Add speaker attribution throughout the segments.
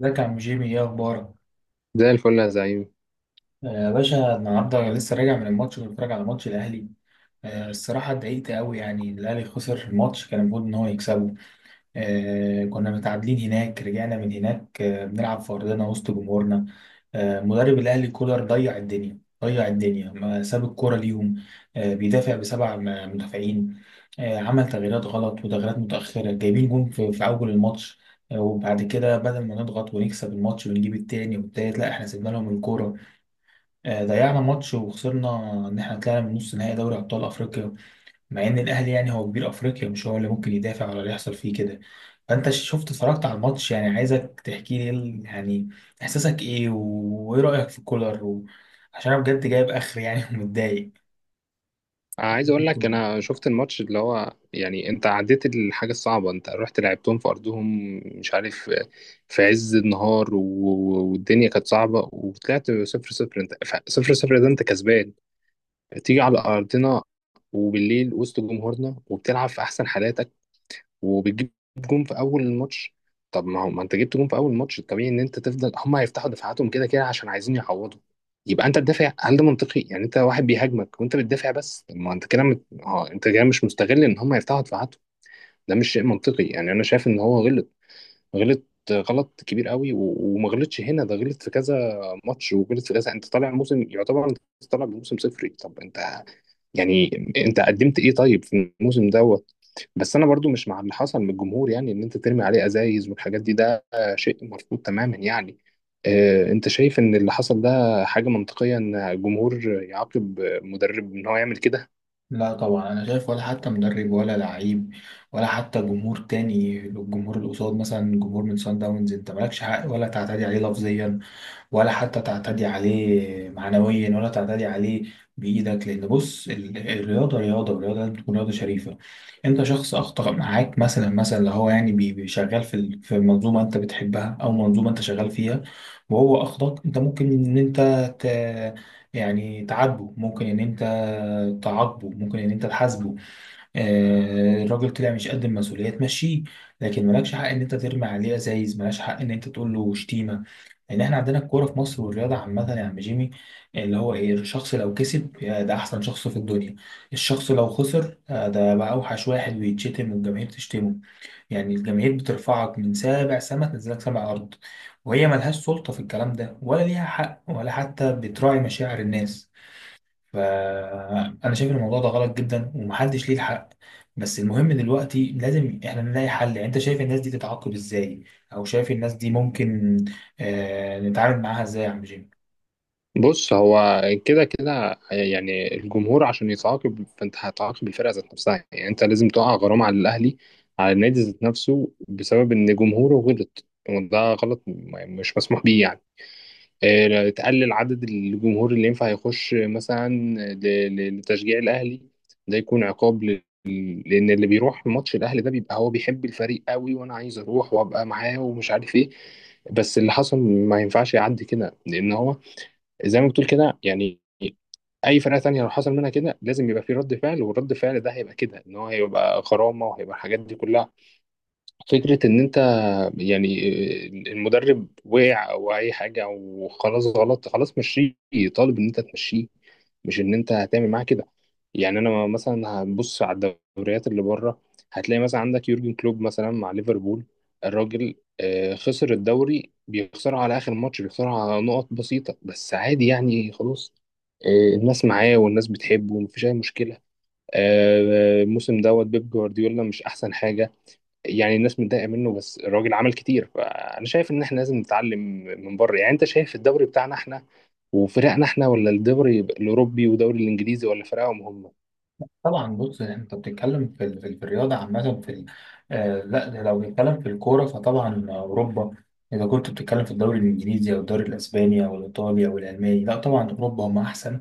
Speaker 1: ازيك يا عم جيمي، ايه اخبارك؟
Speaker 2: زي الفل يا زعيم.
Speaker 1: يا باشا، النهارده لسه راجع من الماتش. كنت بتفرج على ماتش الاهلي. الصراحه اتضايقت قوي، يعني الاهلي خسر الماتش، كان المفروض ان هو يكسبه. كنا متعادلين هناك، رجعنا من هناك. بنلعب في أرضنا وسط جمهورنا. مدرب الأهلي كولر ضيع الدنيا. ضيع الدنيا، ما ساب الكورة ليهم. بيدافع بسبع مدافعين. عمل تغييرات غلط وتغييرات متأخرة، جايبين جون في أول الماتش. وبعد كده بدل ما نضغط ونكسب الماتش ونجيب التاني والتالت، لا احنا سيبنا لهم الكورة. ضيعنا ماتش وخسرنا، إن احنا طلعنا من نص نهائي دوري أبطال أفريقيا، مع ان الاهلي يعني هو كبير افريقيا، مش هو اللي ممكن يدافع ولا اللي يحصل فيه كده. فانت شفت، اتفرجت على الماتش، يعني عايزك تحكي لي إيه يعني احساسك ايه وايه رايك في كولر عشان انا بجد جايب اخر يعني ومتضايق.
Speaker 2: عايز اقول لك، انا شفت الماتش اللي هو يعني انت عديت الحاجه الصعبه. انت رحت لعبتهم في ارضهم، مش عارف، في عز النهار والدنيا كانت صعبه وطلعت 0-0. انت 0-0 ده انت كسبان. تيجي على ارضنا وبالليل وسط جمهورنا وبتلعب في احسن حالاتك وبتجيب جون في اول الماتش. طب ما هو، ما انت جبت جون في اول الماتش، الطبيعي ان انت تفضل، هم هيفتحوا دفاعاتهم كده كده عشان عايزين يعوضوا. يبقى انت تدافع؟ هل ده منطقي؟ يعني انت واحد بيهاجمك وانت بتدافع. بس طب ما انت كده مت... اه انت كده مش مستغل ان هم يفتحوا دفاعاتهم. ده مش شيء منطقي. يعني انا شايف ان هو غلط. غلط. غلط كبير قوي وما غلطش هنا، ده غلط في كذا ماتش وغلط في كذا. انت طالع موسم يعتبر انت طالع بموسم صفري. طب انت يعني انت قدمت ايه طيب في الموسم دوت؟ بس انا برضو مش مع اللي حصل من الجمهور، يعني ان انت ترمي عليه ازايز والحاجات دي، ده شيء مرفوض تماما يعني. اه انت شايف ان اللي حصل ده حاجة منطقية، ان الجمهور يعاقب مدرب ان هو يعمل كده؟
Speaker 1: لا طبعا، انا شايف ولا حتى مدرب ولا لعيب ولا حتى جمهور تاني. الجمهور اللي قصاد، مثلا جمهور من سان داونز، انت مالكش حق ولا تعتدي عليه لفظيا، ولا حتى تعتدي عليه معنويا، ولا تعتدي عليه بإيدك. لأن بص، الرياضة رياضة، والرياضة لازم تكون رياضة شريفة. أنت شخص أخطأ معاك، مثلا مثلا اللي هو يعني شغال في في منظومة أنت بتحبها أو منظومة أنت شغال فيها، وهو أخطأك. أنت ممكن إن أنت ت... يعني تعاتبه، ممكن إن أنت تعاقبه، ممكن إن أنت تحاسبه. الراجل طلع مش قد المسؤولية، تمشيه. لكن مالكش حق إن أنت ترمي عليه أزايز، مالكش حق إن أنت تقول له شتيمة. لان احنا عندنا الكوره في مصر والرياضه عامه يا عم جيمي، اللي هو ايه؟ الشخص لو كسب، يا ده احسن شخص في الدنيا. الشخص لو خسر، ده بقى اوحش واحد، ويتشتم والجماهير تشتمه. يعني الجماهير بترفعك من سابع سما، تنزلك سابع ارض، وهي ملهاش سلطه في الكلام ده، ولا ليها حق، ولا حتى بتراعي مشاعر الناس. فأنا شايف إن الموضوع ده غلط جدا، ومحدش ليه الحق. بس المهم دلوقتي لازم إحنا نلاقي حل. يعني أنت شايف الناس دي تتعاقب إزاي، أو شايف الناس دي ممكن نتعامل معاها إزاي يا عم جيم؟
Speaker 2: بص، هو كده كده يعني الجمهور عشان يتعاقب فانت هتعاقب الفرقة ذات نفسها، يعني انت لازم تقع غرامة على الاهلي، على النادي ذات نفسه، بسبب ان جمهوره غلط. وده غلط مش مسموح بيه يعني. تقلل عدد الجمهور اللي ينفع يخش مثلا لتشجيع الأهلي. ده يكون عقاب. لأن اللي بيروح ماتش الأهلي ده بيبقى هو بيحب الفريق قوي، وأنا عايز أروح وأبقى معاه ومش عارف إيه. بس اللي حصل ما ينفعش يعدي كده، لأن هو زي ما بتقول كده. يعني أي فرقة تانية لو حصل منها كده لازم يبقى في رد فعل، والرد فعل ده هيبقى كده إن هو هيبقى غرامة وهيبقى الحاجات دي كلها. فكرة إن أنت يعني المدرب وقع أو أي حاجة وخلاص غلط، خلاص مشيه. طالب إن أنت تمشيه، مش إن أنت هتعمل معاه كده. يعني أنا مثلا هنبص على الدوريات اللي بره. هتلاقي مثلا عندك يورجن كلوب مثلا مع ليفربول، الراجل خسر الدوري، بيخسره على آخر ماتش، بيخسره على نقط بسيطة، بس عادي يعني خلاص. الناس معاه والناس بتحبه ومفيش أي مشكلة. الموسم دوت بيب جوارديولا مش أحسن حاجة، يعني الناس متضايقه منه، بس الراجل عمل كتير. فانا شايف ان احنا لازم نتعلم من بره. يعني انت شايف الدوري بتاعنا احنا وفرقنا احنا، ولا الدوري الاوروبي والدوري الانجليزي ولا فرقهم هم؟
Speaker 1: طبعا. بص، أنت بتتكلم في في الرياضة عامة، في لا، ده لو بنتكلم في الكورة فطبعا أوروبا. إذا كنت بتتكلم في الدوري الإنجليزي أو الدوري الأسباني أو الإيطالي أو الألماني، لا طبعا أوروبا هم أحسن.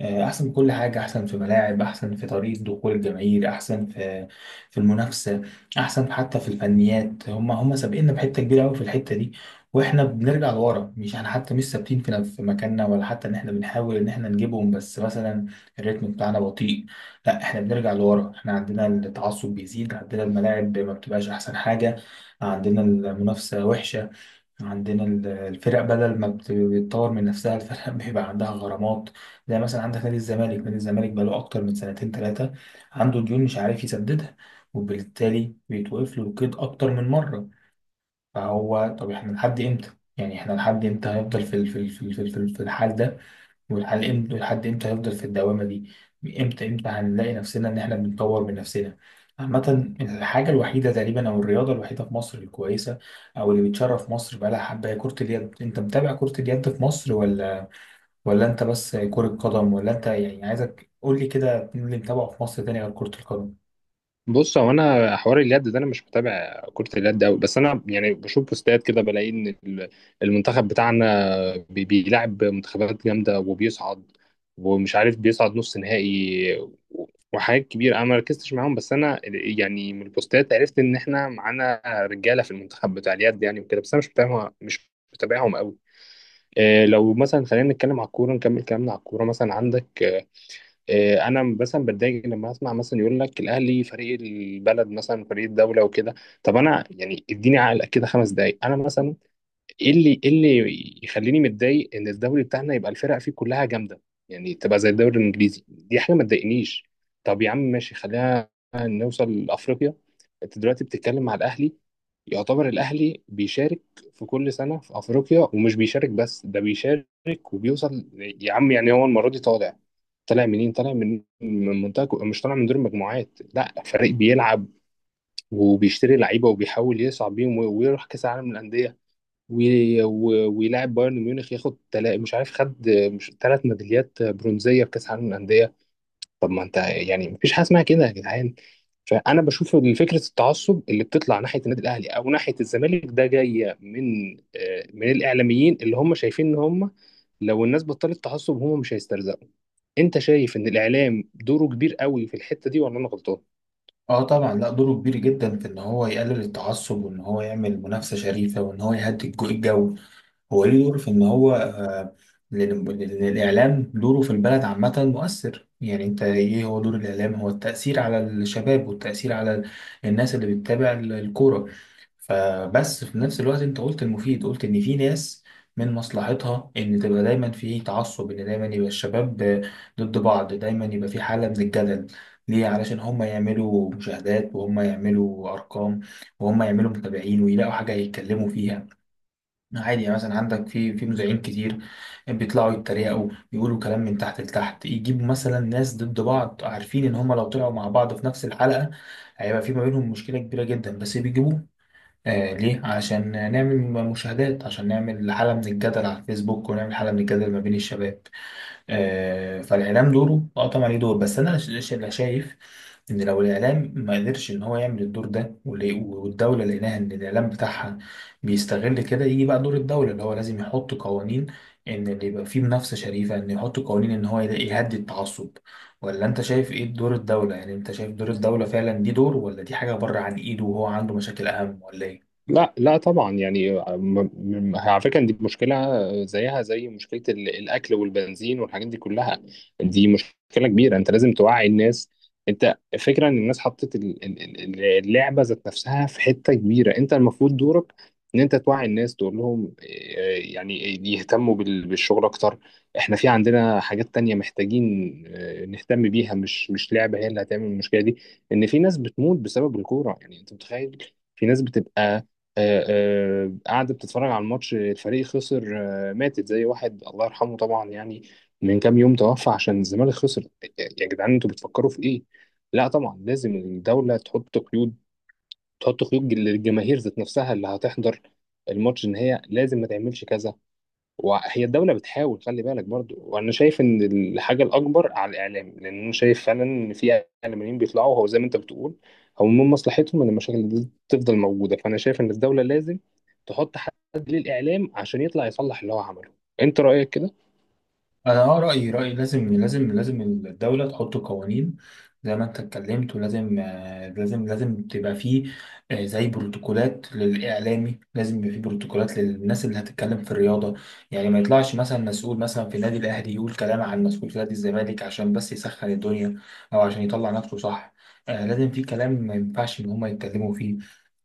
Speaker 1: احسن في كل حاجه، احسن في ملاعب، احسن في طريقه دخول الجماهير، احسن في المنافسه، احسن حتى في الفنيات. هم سابقيننا بحته كبيره قوي في الحته دي، واحنا بنرجع لورا. مش احنا حتى مش ثابتين في في مكاننا، ولا حتى ان احنا بنحاول ان احنا نجيبهم، بس مثلا الريتم بتاعنا بطيء. لا احنا بنرجع لورا، احنا عندنا التعصب بيزيد، عندنا الملاعب ما بتبقاش احسن حاجه، عندنا المنافسه وحشه، عندنا الفرق بدل ما بتطور من نفسها، الفرق بيبقى عندها غرامات. زي مثلا عندك نادي الزمالك. نادي الزمالك بقاله أكتر من سنتين ثلاثة، عنده ديون مش عارف يسددها، وبالتالي بيتوقف له القيد أكتر من مرة. فهو طب احنا لحد إمتى؟ يعني احنا لحد إمتى هيفضل في في الحال ده؟ ولحد امتى، ولحد امتى هنفضل في الدوامة دي؟ امتى امتى هنلاقي نفسنا ان احنا بنطور من نفسنا؟ عامة، الحاجة الوحيدة تقريبا، او الرياضة الوحيدة في مصر الكويسة، او اللي بتشرف مصر بقالها حبة هي كرة اليد. انت متابع كرة اليد في مصر، ولا انت بس كرة قدم؟ ولا انت يعني، عايزك قول لي كده، مين اللي متابعه في مصر تاني غير كرة القدم؟
Speaker 2: بص، هو انا حوار اليد ده انا مش متابع كرة اليد قوي، بس انا يعني بشوف بوستات كده بلاقي ان المنتخب بتاعنا بيلعب منتخبات جامدة وبيصعد، ومش عارف بيصعد نص نهائي وحاجات كبيرة. انا ما ركزتش معاهم، بس انا يعني من البوستات عرفت ان احنا معانا رجالة في المنتخب بتاع اليد يعني وكده. بس انا مش متابعهم، مش متابعهم قوي. إيه، لو مثلا خلينا نتكلم على الكورة، نكمل كلامنا على الكورة. مثلا عندك، إيه، انا مثلا بتضايق لما اسمع مثلا يقول لك الاهلي فريق البلد مثلا، فريق الدوله وكده. طب انا يعني اديني عقل كده 5 دقائق. انا مثلا، ايه اللي يخليني متضايق ان الدوري بتاعنا يبقى الفرق فيه كلها جامده؟ يعني تبقى زي الدوري الانجليزي. دي حاجه ما تضايقنيش. طب يا عم ماشي، خلينا نوصل لافريقيا. انت دلوقتي بتتكلم مع الاهلي، يعتبر الاهلي بيشارك في كل سنه في افريقيا، ومش بيشارك بس، ده بيشارك وبيوصل يا عم. يعني هو المره دي طالع. طالع منين؟ طالع مش طالع من دور المجموعات. لا، فريق بيلعب وبيشتري لعيبه وبيحاول يصعد بيهم ويروح كاس العالم للانديه، ويلاعب بايرن ميونخ، ياخد مش عارف خد مش 3 ميداليات برونزيه في كاس العالم للانديه. طب ما انت يعني مفيش حاجه اسمها كده يا جدعان. فانا بشوف ان فكره التعصب اللي بتطلع ناحيه النادي الاهلي او ناحيه الزمالك ده جايه من الاعلاميين اللي هم شايفين ان هم لو الناس بطلت تعصب هم مش هيسترزقوا. انت شايف ان الاعلام دوره كبير قوي في الحته دي، ولا انا غلطان؟
Speaker 1: اه طبعا، لا دوره كبير جدا في ان هو يقلل التعصب، وان هو يعمل منافسة شريفة، وان هو يهدي الجو. هو ليه دور في ان هو لأن الاعلام دوره في البلد عامه مؤثر. يعني انت ايه هو دور الاعلام؟ هو التاثير على الشباب، والتاثير على الناس اللي بتتابع الكوره. فبس في نفس الوقت، انت قلت المفيد، قلت ان في ناس من مصلحتها ان تبقى دايما في تعصب، ان دايما يبقى الشباب ضد بعض، دايما يبقى في حاله من الجدل. ليه؟ علشان هم يعملوا مشاهدات، وهم يعملوا ارقام، وهم يعملوا متابعين، ويلاقوا حاجه يتكلموا فيها. عادي. يعني مثلا عندك في مذيعين كتير بيطلعوا يتريقوا، يقولوا كلام من تحت لتحت، يجيبوا مثلا ناس ضد بعض، عارفين ان هم لو طلعوا مع بعض في نفس الحلقة هيبقى في ما بينهم مشكلة كبيرة جدا، بس بيجيبوه. ليه؟ عشان نعمل مشاهدات، عشان نعمل حالة من الجدل على الفيسبوك، ونعمل حالة من الجدل ما بين الشباب. فالاعلام دوره اه طبعا ليه دور. بس انا اللي شايف ان لو الاعلام ما قدرش ان هو يعمل الدور ده، والدوله لقيناها ان الاعلام بتاعها بيستغل كده، يجي بقى دور الدوله، اللي هو لازم يحط قوانين. ان اللي يبقى فيه منافسه شريفه، ان يحط قوانين ان هو يهدي التعصب. ولا انت شايف ايه دور الدوله؟ يعني انت شايف دور الدوله فعلا دي دور، ولا دي حاجه بره عن ايده وهو عنده مشاكل اهم، ولا ايه؟
Speaker 2: لا لا طبعا يعني على فكره دي مشكله زيها زي مشكله الاكل والبنزين والحاجات دي كلها. دي مشكله كبيره، انت لازم توعي الناس. انت فكره ان الناس حطت اللعبه ذات نفسها في حته كبيره. انت المفروض دورك ان انت توعي الناس تقول لهم، يعني، يهتموا بالشغل اكتر. احنا في عندنا حاجات تانية محتاجين نهتم بيها، مش لعبه هي اللي هتعمل المشكله دي. ان في ناس بتموت بسبب الكوره، يعني انت متخيل في ناس بتبقى آه، قاعدة بتتفرج على الماتش، الفريق خسر، ماتت. زي واحد الله يرحمه طبعا يعني من كام يوم توفى عشان الزمالك خسر. يا جدعان انتوا بتفكروا في ايه؟ لا طبعا لازم الدولة تحط قيود، تحط قيود للجماهير ذات نفسها اللي هتحضر الماتش، ان هي لازم ما تعملش كذا. وهي الدولة بتحاول، خلي بالك برضو. وأنا شايف إن الحاجة الأكبر على الإعلام، لأن أنا شايف فعلا إن في إعلاميين بيطلعوا، هو زي ما أنت بتقول، هو من مصلحتهم إن المشاكل دي تفضل موجودة. فأنا شايف إن الدولة لازم تحط حد للإعلام عشان يطلع يصلح اللي هو عمله. أنت رأيك كده؟
Speaker 1: انا رايي لازم لازم لازم الدوله تحط قوانين، زي ما انت اتكلمت. ولازم لازم لازم تبقى فيه زي بروتوكولات للاعلامي، لازم يبقى فيه بروتوكولات للناس اللي هتتكلم في الرياضه. يعني ما يطلعش مثلا مسؤول مثلا في نادي الاهلي يقول كلام عن مسؤول في نادي الزمالك عشان بس يسخن الدنيا، او عشان يطلع نفسه صح. لازم في كلام ما ينفعش ان هم يتكلموا فيه،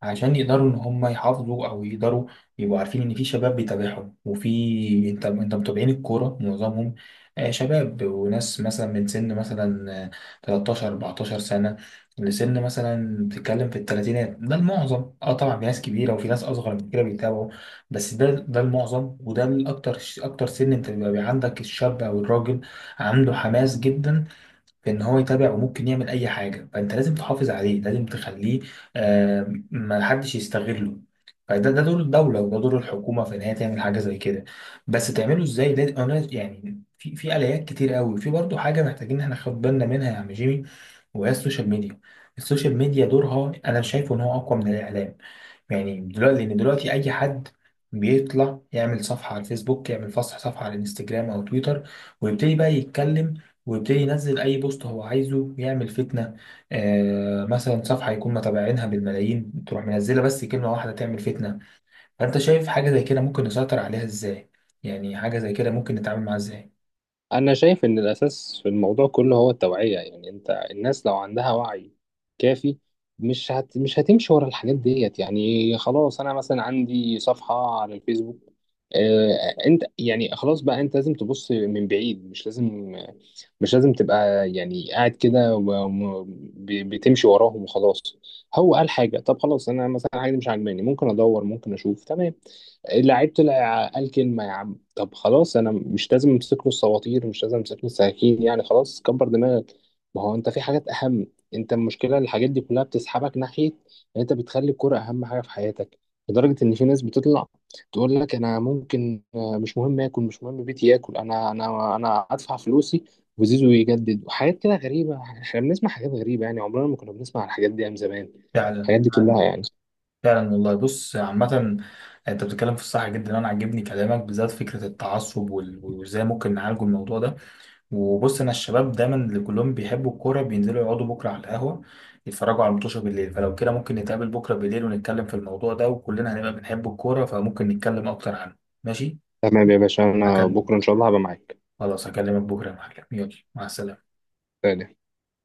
Speaker 1: عشان يقدروا ان هم يحافظوا، او يقدروا يبقوا عارفين ان في شباب بيتابعهم. وفي انت متابعين الكوره معظمهم شباب وناس، مثلا من سن، مثلا 13 14 سنة، لسن مثلا بتتكلم في الثلاثينات. ده المعظم، اه طبعا في ناس كبيرة وفي ناس أصغر من كده بيتابعوا، بس ده المعظم، وده الأكتر. أكتر سن أنت بيبقى عندك الشاب أو الراجل، عنده حماس جدا في ان هو يتابع وممكن يعمل اي حاجه، فانت لازم تحافظ عليه، لازم تخليه ما حدش يستغله. فده دور الدوله، وده دور الحكومه في ان هي تعمل حاجه زي كده. بس تعمله ازاي ده؟ انا يعني في اليات كتير قوي. في برضه حاجه محتاجين احنا ناخد بالنا منها يا عم جيمي، وهي السوشيال ميديا. السوشيال ميديا دورها انا شايفه ان هو اقوى من الاعلام. يعني دلوقتي، لان دلوقتي اي حد بيطلع يعمل صفحه على الفيسبوك، يعمل فصح صفحه على الانستجرام او تويتر، ويبتدي بقى يتكلم، ويبتدي ينزل اي بوست هو عايزه، يعمل فتنه. مثلا صفحه يكون متابعينها بالملايين، تروح منزله بس كلمه واحده تعمل فتنه. فانت شايف حاجه زي كده ممكن نسيطر عليها ازاي؟ يعني حاجه زي كده ممكن نتعامل معاها ازاي؟
Speaker 2: أنا شايف إن الأساس في الموضوع كله هو التوعية. يعني أنت الناس لو عندها وعي كافي مش هتمشي ورا الحاجات ديت. يعني خلاص أنا مثلا عندي صفحة على الفيسبوك. أنت يعني خلاص بقى، أنت لازم تبص من بعيد، مش لازم تبقى يعني قاعد كده بتمشي وراهم وخلاص. هو قال حاجة، طب خلاص أنا مثلا حاجة دي مش عاجباني ممكن أدور ممكن أشوف تمام. لعيبته قال كلمة يا عم، طب خلاص أنا مش لازم أمسك له السواطير، مش لازم أمسك له السكاكين، يعني خلاص كبر دماغك. ما هو أنت في حاجات أهم. أنت المشكلة الحاجات دي كلها بتسحبك ناحية إن أنت بتخلي الكرة أهم حاجة في حياتك. لدرجة إن في ناس بتطلع تقول لك أنا ممكن، مش مهم آكل، مش مهم بيتي، آكل أنا أدفع فلوسي وزيزو يجدد وحاجات كده غريبة. إحنا بنسمع حاجات غريبة، يعني عمرنا ما كنا بنسمع الحاجات دي أيام زمان.
Speaker 1: فعلا،
Speaker 2: الحاجات دي كلها يعني.
Speaker 1: فعلا والله. بص عامة، انت بتتكلم في الصح جدا، انا عاجبني كلامك، بالذات فكرة التعصب وازاي ممكن نعالجه الموضوع ده. وبص، انا الشباب دايما اللي كلهم بيحبوا الكوره بينزلوا يقعدوا بكره على القهوه، يتفرجوا على المطوشه بالليل، فلو كده ممكن نتقابل بكره بالليل ونتكلم في الموضوع ده، وكلنا هنبقى بنحب الكوره فممكن نتكلم اكتر عنه. ماشي.
Speaker 2: تمام يا باشا، أنا
Speaker 1: هكلم،
Speaker 2: بكرة إن شاء الله هبقى معاك.
Speaker 1: خلاص هكلمك بكره يا معلم، يلا، مع السلامه.
Speaker 2: سلام.